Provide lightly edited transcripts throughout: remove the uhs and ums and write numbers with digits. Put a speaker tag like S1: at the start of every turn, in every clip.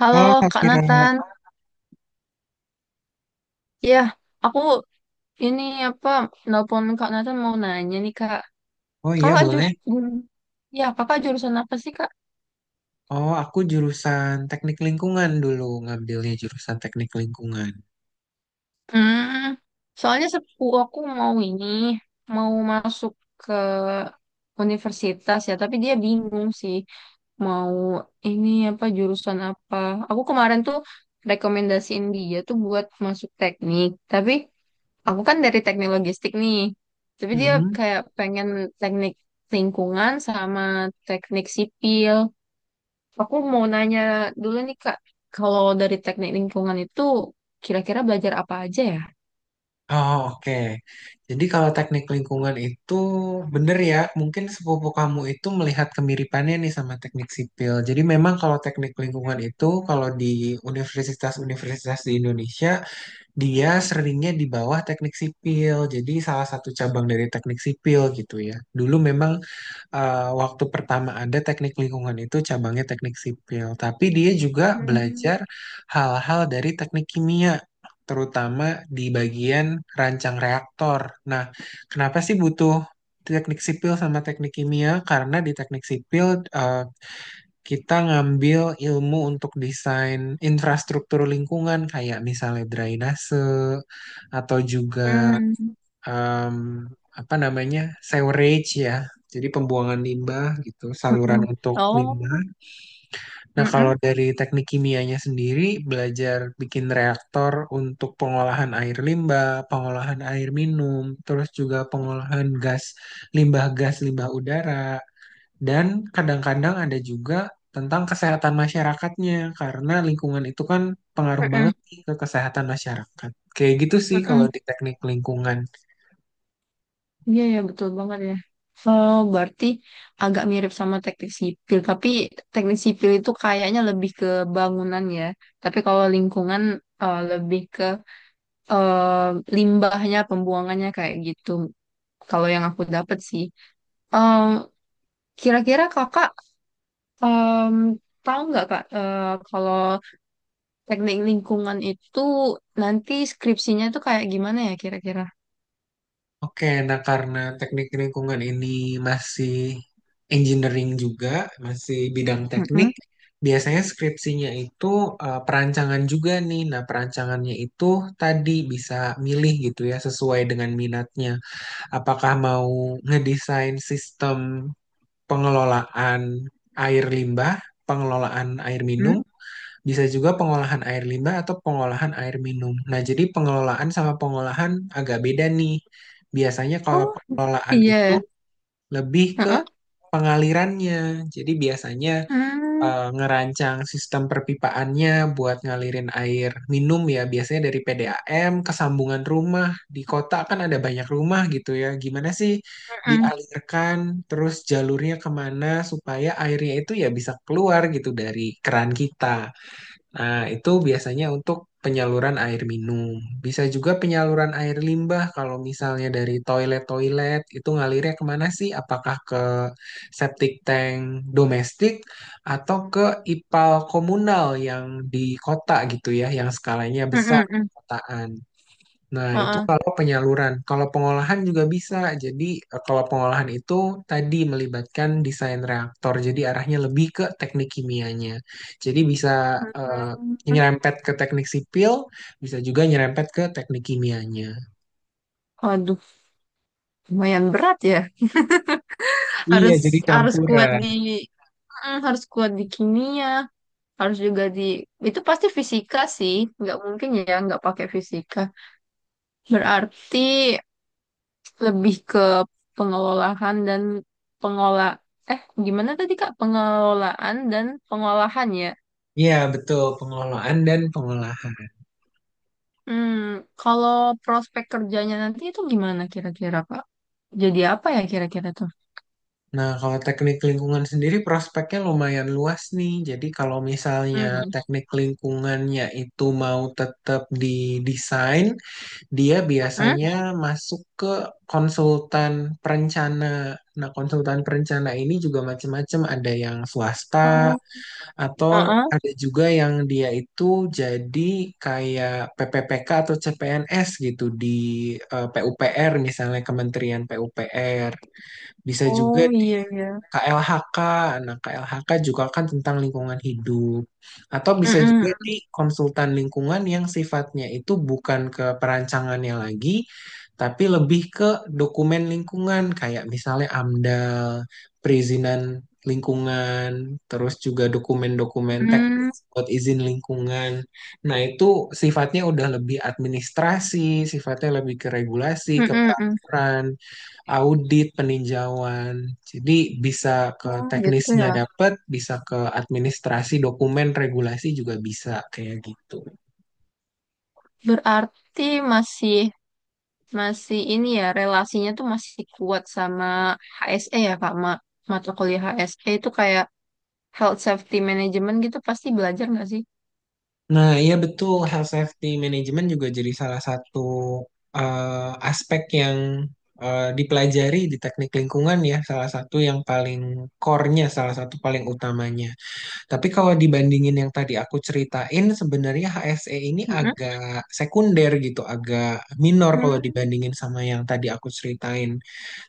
S1: Halo
S2: Kalau Kak
S1: Kak
S2: Kira,
S1: Nathan, ya aku ini apa nelpon Kak Nathan mau nanya nih Kak,
S2: oh iya
S1: Kakak ju
S2: boleh.
S1: hmm, Kakak jurusan apa sih Kak?
S2: Oh aku jurusan teknik lingkungan dulu ngambilnya jurusan teknik lingkungan.
S1: Hmm, Soalnya sepupu aku mau ini mau masuk ke universitas ya, tapi dia bingung sih mau ini apa jurusan apa. Aku kemarin tuh rekomendasiin dia tuh buat masuk teknik, tapi aku kan dari teknik logistik nih. Tapi dia
S2: Hmm.
S1: kayak pengen teknik lingkungan sama teknik sipil. Aku mau nanya dulu nih Kak, kalau dari teknik lingkungan itu kira-kira belajar apa aja ya?
S2: Oh oke. Jadi kalau teknik lingkungan itu bener ya, mungkin sepupu kamu itu melihat kemiripannya nih sama teknik sipil. Jadi memang kalau teknik lingkungan itu kalau di universitas-universitas di Indonesia dia seringnya di bawah teknik sipil. Jadi salah satu cabang dari teknik sipil gitu ya. Dulu memang waktu pertama ada teknik lingkungan itu cabangnya teknik sipil, tapi dia juga
S1: Hmm,
S2: belajar hal-hal dari teknik kimia, terutama di bagian rancang reaktor. Nah, kenapa sih butuh teknik sipil sama teknik kimia? Karena di teknik sipil eh, kita ngambil ilmu untuk desain infrastruktur lingkungan, kayak misalnya drainase atau juga
S1: hmm,
S2: em, apa namanya sewerage ya, jadi pembuangan limbah gitu, saluran
S1: mm-mm.
S2: untuk limbah.
S1: Oh,
S2: Nah kalau
S1: mm-mm,
S2: dari teknik kimianya sendiri belajar bikin reaktor untuk pengolahan air limbah, pengolahan air minum, terus juga pengolahan gas limbah, gas limbah udara, dan kadang-kadang ada juga tentang kesehatan masyarakatnya karena lingkungan itu kan pengaruh banget
S1: mm-mm,
S2: nih ke kesehatan masyarakat. Kayak gitu sih kalau
S1: mm-mm.
S2: di teknik lingkungan.
S1: Iya ya betul banget ya. Oh, berarti agak mirip sama teknik sipil, tapi teknik sipil itu kayaknya lebih ke bangunan ya. Tapi kalau lingkungan lebih ke eh, limbahnya, pembuangannya kayak gitu. Kalau yang aku dapat sih, Em, kira-kira kakak em, tahu nggak kak kalau teknik lingkungan itu nanti skripsinya tuh kayak gimana ya kira-kira?
S2: Oke, nah karena teknik lingkungan ini masih engineering juga, masih bidang teknik,
S1: Mm-mm.
S2: biasanya skripsinya itu perancangan juga nih. Nah, perancangannya itu tadi bisa milih gitu ya sesuai dengan minatnya. Apakah mau ngedesain sistem pengelolaan air limbah, pengelolaan air minum,
S1: Mm.
S2: bisa juga pengolahan air limbah atau pengolahan air minum. Nah, jadi pengelolaan sama pengolahan agak beda nih. Biasanya kalau
S1: Oh
S2: pengelolaan itu
S1: iya,
S2: lebih ke
S1: heeh.
S2: pengalirannya. Jadi biasanya
S1: Mm,
S2: ngerancang sistem perpipaannya buat ngalirin air minum ya. Biasanya dari PDAM ke sambungan rumah. Di kota kan ada banyak rumah gitu ya. Gimana sih
S1: mm-mm.
S2: dialirkan, terus jalurnya kemana supaya airnya itu ya bisa keluar gitu dari keran kita. Nah, itu biasanya untuk penyaluran air minum. Bisa juga penyaluran air limbah kalau misalnya dari toilet-toilet itu ngalirnya kemana sih? Apakah ke septic tank domestik atau ke IPAL komunal yang di kota gitu ya, yang skalanya besar
S1: Mm-mm-mm.
S2: kotaan. Nah, itu
S1: Heeh.
S2: kalau penyaluran. Kalau pengolahan juga bisa. Jadi, kalau pengolahan itu tadi melibatkan desain reaktor. Jadi, arahnya lebih ke teknik kimianya. Jadi, bisa eh,
S1: Mm.
S2: nyerempet ke teknik sipil, bisa juga nyerempet ke teknik kimianya.
S1: Waduh, lumayan berat ya.
S2: Iya,
S1: Harus
S2: jadi
S1: harus kuat
S2: campuran.
S1: di harus kuat di kimia, harus juga di itu pasti fisika sih, nggak mungkin ya nggak pakai fisika. Berarti lebih ke pengelolaan dan pengolah eh gimana tadi Kak? Pengelolaan dan pengolahan ya.
S2: Iya, betul. Pengelolaan dan pengolahan.
S1: Hmm, kalau prospek kerjanya nanti itu gimana kira-kira Kak? Jadi apa ya kira-kira tuh?
S2: Nah, kalau teknik lingkungan sendiri prospeknya lumayan luas nih. Jadi, kalau misalnya
S1: Hmm.
S2: teknik lingkungannya itu mau tetap di desain, dia
S1: Mm-mm.
S2: biasanya masuk ke konsultan perencana. Nah, konsultan perencana ini juga macam-macam, ada yang swasta
S1: Oh,
S2: atau
S1: uh-uh.
S2: ada juga yang dia itu jadi kayak PPPK atau CPNS gitu di PUPR, misalnya Kementerian PUPR. Bisa juga
S1: Oh
S2: di
S1: iya iya.
S2: KLHK. Nah, KLHK juga kan tentang lingkungan hidup. Atau bisa
S1: Mm-mm.
S2: juga di konsultan lingkungan yang sifatnya itu bukan ke perancangannya lagi, tapi lebih ke dokumen lingkungan, kayak misalnya AMDAL, perizinan lingkungan, terus juga dokumen-dokumen
S1: Mm, mm
S2: teknis buat izin lingkungan. Nah, itu sifatnya udah lebih administrasi, sifatnya lebih ke regulasi,
S1: hmm
S2: ke
S1: mm mm.
S2: peraturan, audit, peninjauan. Jadi bisa ke
S1: Oh gitu
S2: teknisnya
S1: ya.
S2: dapat, bisa ke administrasi dokumen, regulasi juga bisa, kayak gitu.
S1: Berarti masih masih ini ya relasinya tuh masih kuat sama HSE ya Kak, mata kuliah HSE itu kayak health safety management gitu pasti belajar nggak sih?
S2: Nah, iya betul, health safety management juga jadi salah satu aspek yang dipelajari di teknik lingkungan ya, salah satu yang paling core-nya, salah satu paling utamanya. Tapi kalau dibandingin yang tadi aku ceritain, sebenarnya HSE ini
S1: Mm-mm.
S2: agak sekunder gitu, agak minor kalau
S1: Hmm,
S2: dibandingin sama yang tadi aku ceritain.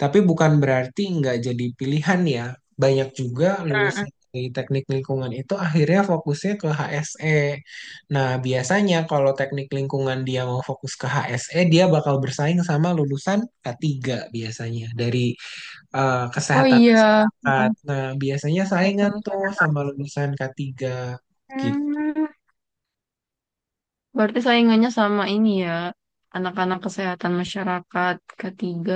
S2: Tapi bukan berarti nggak jadi pilihan ya. Banyak juga
S1: mm-mm.
S2: lulusan dari teknik lingkungan itu akhirnya fokusnya ke HSE. Nah, biasanya kalau teknik lingkungan dia mau fokus ke HSE, dia bakal bersaing sama lulusan K3, biasanya dari
S1: Oh
S2: kesehatan
S1: iya, heeh.
S2: masyarakat. Nah, biasanya
S1: Kesehatan
S2: saingan tuh
S1: masyarakat.
S2: sama lulusan K3. Gitu.
S1: Hmm, Berarti saingannya sama ini ya, anak-anak kesehatan masyarakat ketiga.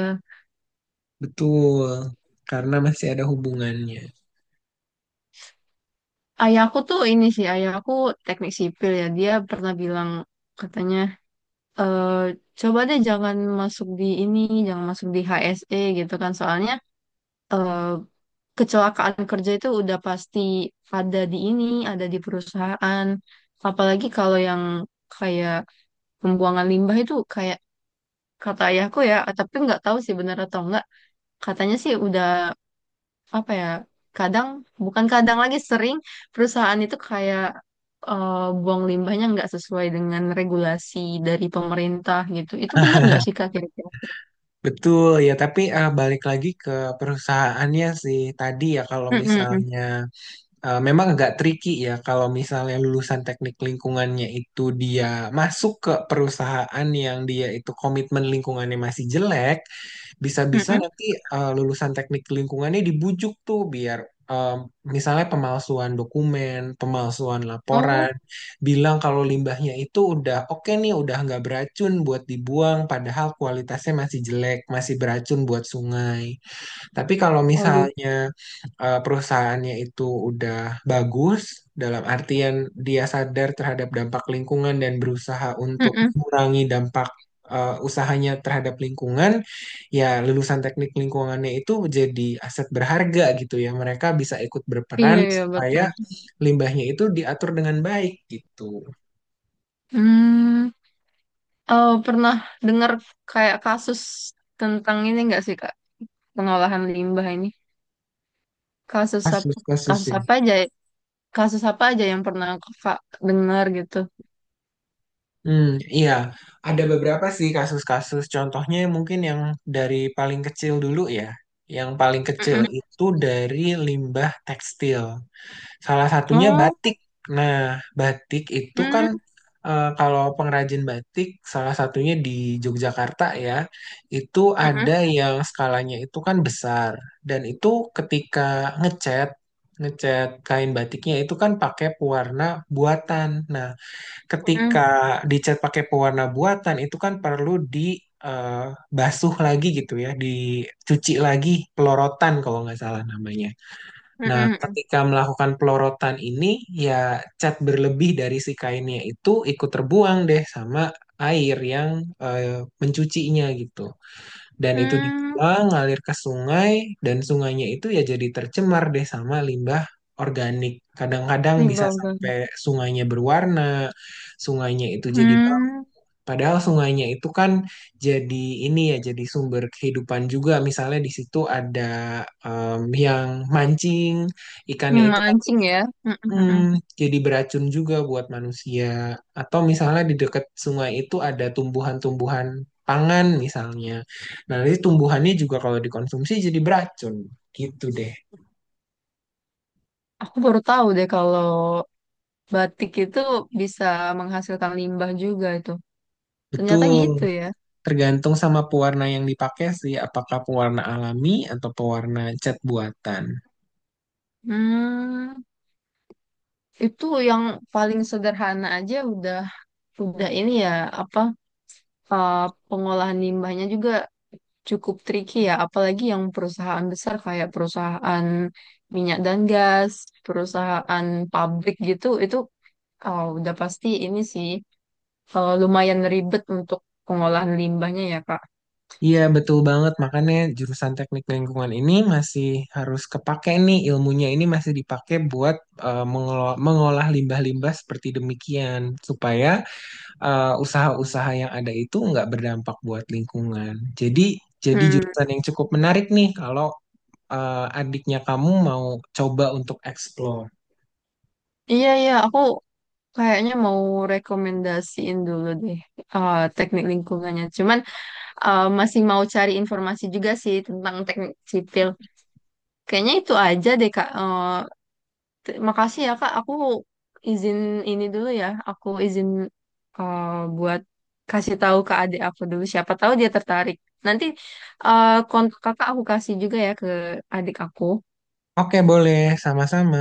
S2: Betul, karena masih ada hubungannya.
S1: Ayahku tuh ini sih, ayahku teknik sipil ya, dia pernah bilang katanya eh coba deh jangan masuk di ini, jangan masuk di HSE gitu kan. Soalnya eh kecelakaan kerja itu udah pasti ada di ini, ada di perusahaan. Apalagi kalau yang kayak pembuangan limbah itu kayak kata ayahku ya, tapi nggak tahu sih benar atau enggak. Katanya sih udah apa ya? Kadang bukan kadang lagi sering perusahaan itu kayak eh, buang limbahnya nggak sesuai dengan regulasi dari pemerintah gitu. Itu benar nggak sih Kak?
S2: Betul ya, tapi balik lagi ke perusahaannya sih tadi ya. Kalau
S1: Mm-mm,
S2: misalnya memang agak tricky ya kalau misalnya lulusan teknik lingkungannya itu dia masuk ke perusahaan yang dia itu komitmen lingkungannya masih jelek, bisa-bisa
S1: mm-mm.
S2: nanti lulusan teknik lingkungannya dibujuk tuh biar eh, misalnya pemalsuan dokumen, pemalsuan laporan,
S1: Oh,
S2: bilang kalau limbahnya itu udah oke nih, udah nggak beracun buat dibuang, padahal kualitasnya masih jelek, masih beracun buat sungai. Tapi kalau
S1: aduh.
S2: misalnya perusahaannya itu udah bagus, dalam artian dia sadar terhadap dampak lingkungan dan berusaha untuk
S1: Mm-mm.
S2: mengurangi dampak usahanya terhadap lingkungan, ya lulusan teknik lingkungannya itu jadi aset berharga gitu ya. Mereka bisa ikut
S1: Iya,
S2: berperan
S1: iya,
S2: supaya
S1: betul.
S2: limbahnya itu diatur dengan baik gitu.
S1: Hmm, oh, pernah dengar kayak kasus tentang ini nggak sih, Kak? Pengolahan limbah ini. Kasus ap- kasus
S2: Kasus-kasusnya.
S1: apa aja? Ya? Kasus apa aja yang pernah Kakak dengar gitu?
S2: Hmm, iya, ada beberapa sih kasus-kasus. Contohnya mungkin yang dari paling kecil dulu ya. Yang paling kecil
S1: Mm-mm.
S2: itu dari limbah tekstil. Salah satunya
S1: Oh,
S2: batik. Nah, batik itu kan
S1: hmm,
S2: kalau pengrajin batik, salah satunya di Yogyakarta ya, itu ada
S1: mm-mm,
S2: yang skalanya itu kan besar. Dan itu ketika ngecat, ngecat kain batiknya itu kan pakai pewarna buatan. Nah, ketika
S1: mm-mm,
S2: dicat pakai pewarna buatan itu kan perlu di eh, basuh lagi gitu ya, dicuci lagi, pelorotan kalau nggak salah namanya.
S1: mm-mm,
S2: Nah,
S1: mm-mm.
S2: ketika melakukan pelorotan ini ya cat berlebih dari si kainnya itu ikut terbuang deh sama air yang mencucinya gitu. Dan itu
S1: Hmm,
S2: dibuang ngalir ke sungai dan sungainya itu ya jadi tercemar deh sama limbah organik. Kadang-kadang bisa
S1: limbah banget.
S2: sampai sungainya berwarna, sungainya itu jadi bau.
S1: Hmm,
S2: Padahal sungainya itu kan jadi ini ya, jadi sumber kehidupan juga. Misalnya di situ ada yang mancing, ikannya
S1: yang
S2: itu kan
S1: mancing ya. Mm-mm, mm-mm.
S2: Hmm, jadi beracun juga buat manusia. Atau misalnya di dekat sungai itu ada tumbuhan-tumbuhan pangan misalnya. Nah, nanti tumbuhannya juga kalau dikonsumsi jadi beracun. Gitu deh.
S1: Aku baru tahu deh kalau batik itu bisa menghasilkan limbah juga itu. Ternyata
S2: Betul.
S1: gitu ya.
S2: Tergantung sama pewarna yang dipakai sih, apakah pewarna alami atau pewarna cat buatan.
S1: Hmm, itu yang paling sederhana aja udah ini ya apa uh, pengolahan limbahnya juga cukup tricky ya, apalagi yang perusahaan besar kayak perusahaan minyak dan gas, perusahaan pabrik gitu, itu oh udah pasti ini sih lumayan ribet untuk pengolahan limbahnya ya, Kak.
S2: Iya, betul banget. Makanya jurusan teknik lingkungan ini masih harus kepake nih, ilmunya ini masih dipakai buat mengelola- mengolah limbah-limbah seperti demikian supaya usaha-usaha yang ada itu nggak berdampak buat lingkungan. Jadi jadi
S1: Hmm,
S2: jurusan yang cukup menarik nih kalau adiknya kamu mau coba untuk explore.
S1: iya iya, aku kayaknya mau rekomendasiin dulu deh teknik lingkungannya. Cuman masih mau cari informasi juga sih tentang teknik sipil. Kayaknya itu aja deh Kak. Makasih ya Kak, aku izin ini dulu ya. Aku izin eh, buat kasih tahu ke adik aku dulu siapa tahu dia tertarik. Nanti kontak Kakak aku kasih juga ya ke adik aku.
S2: Oke, boleh, sama-sama.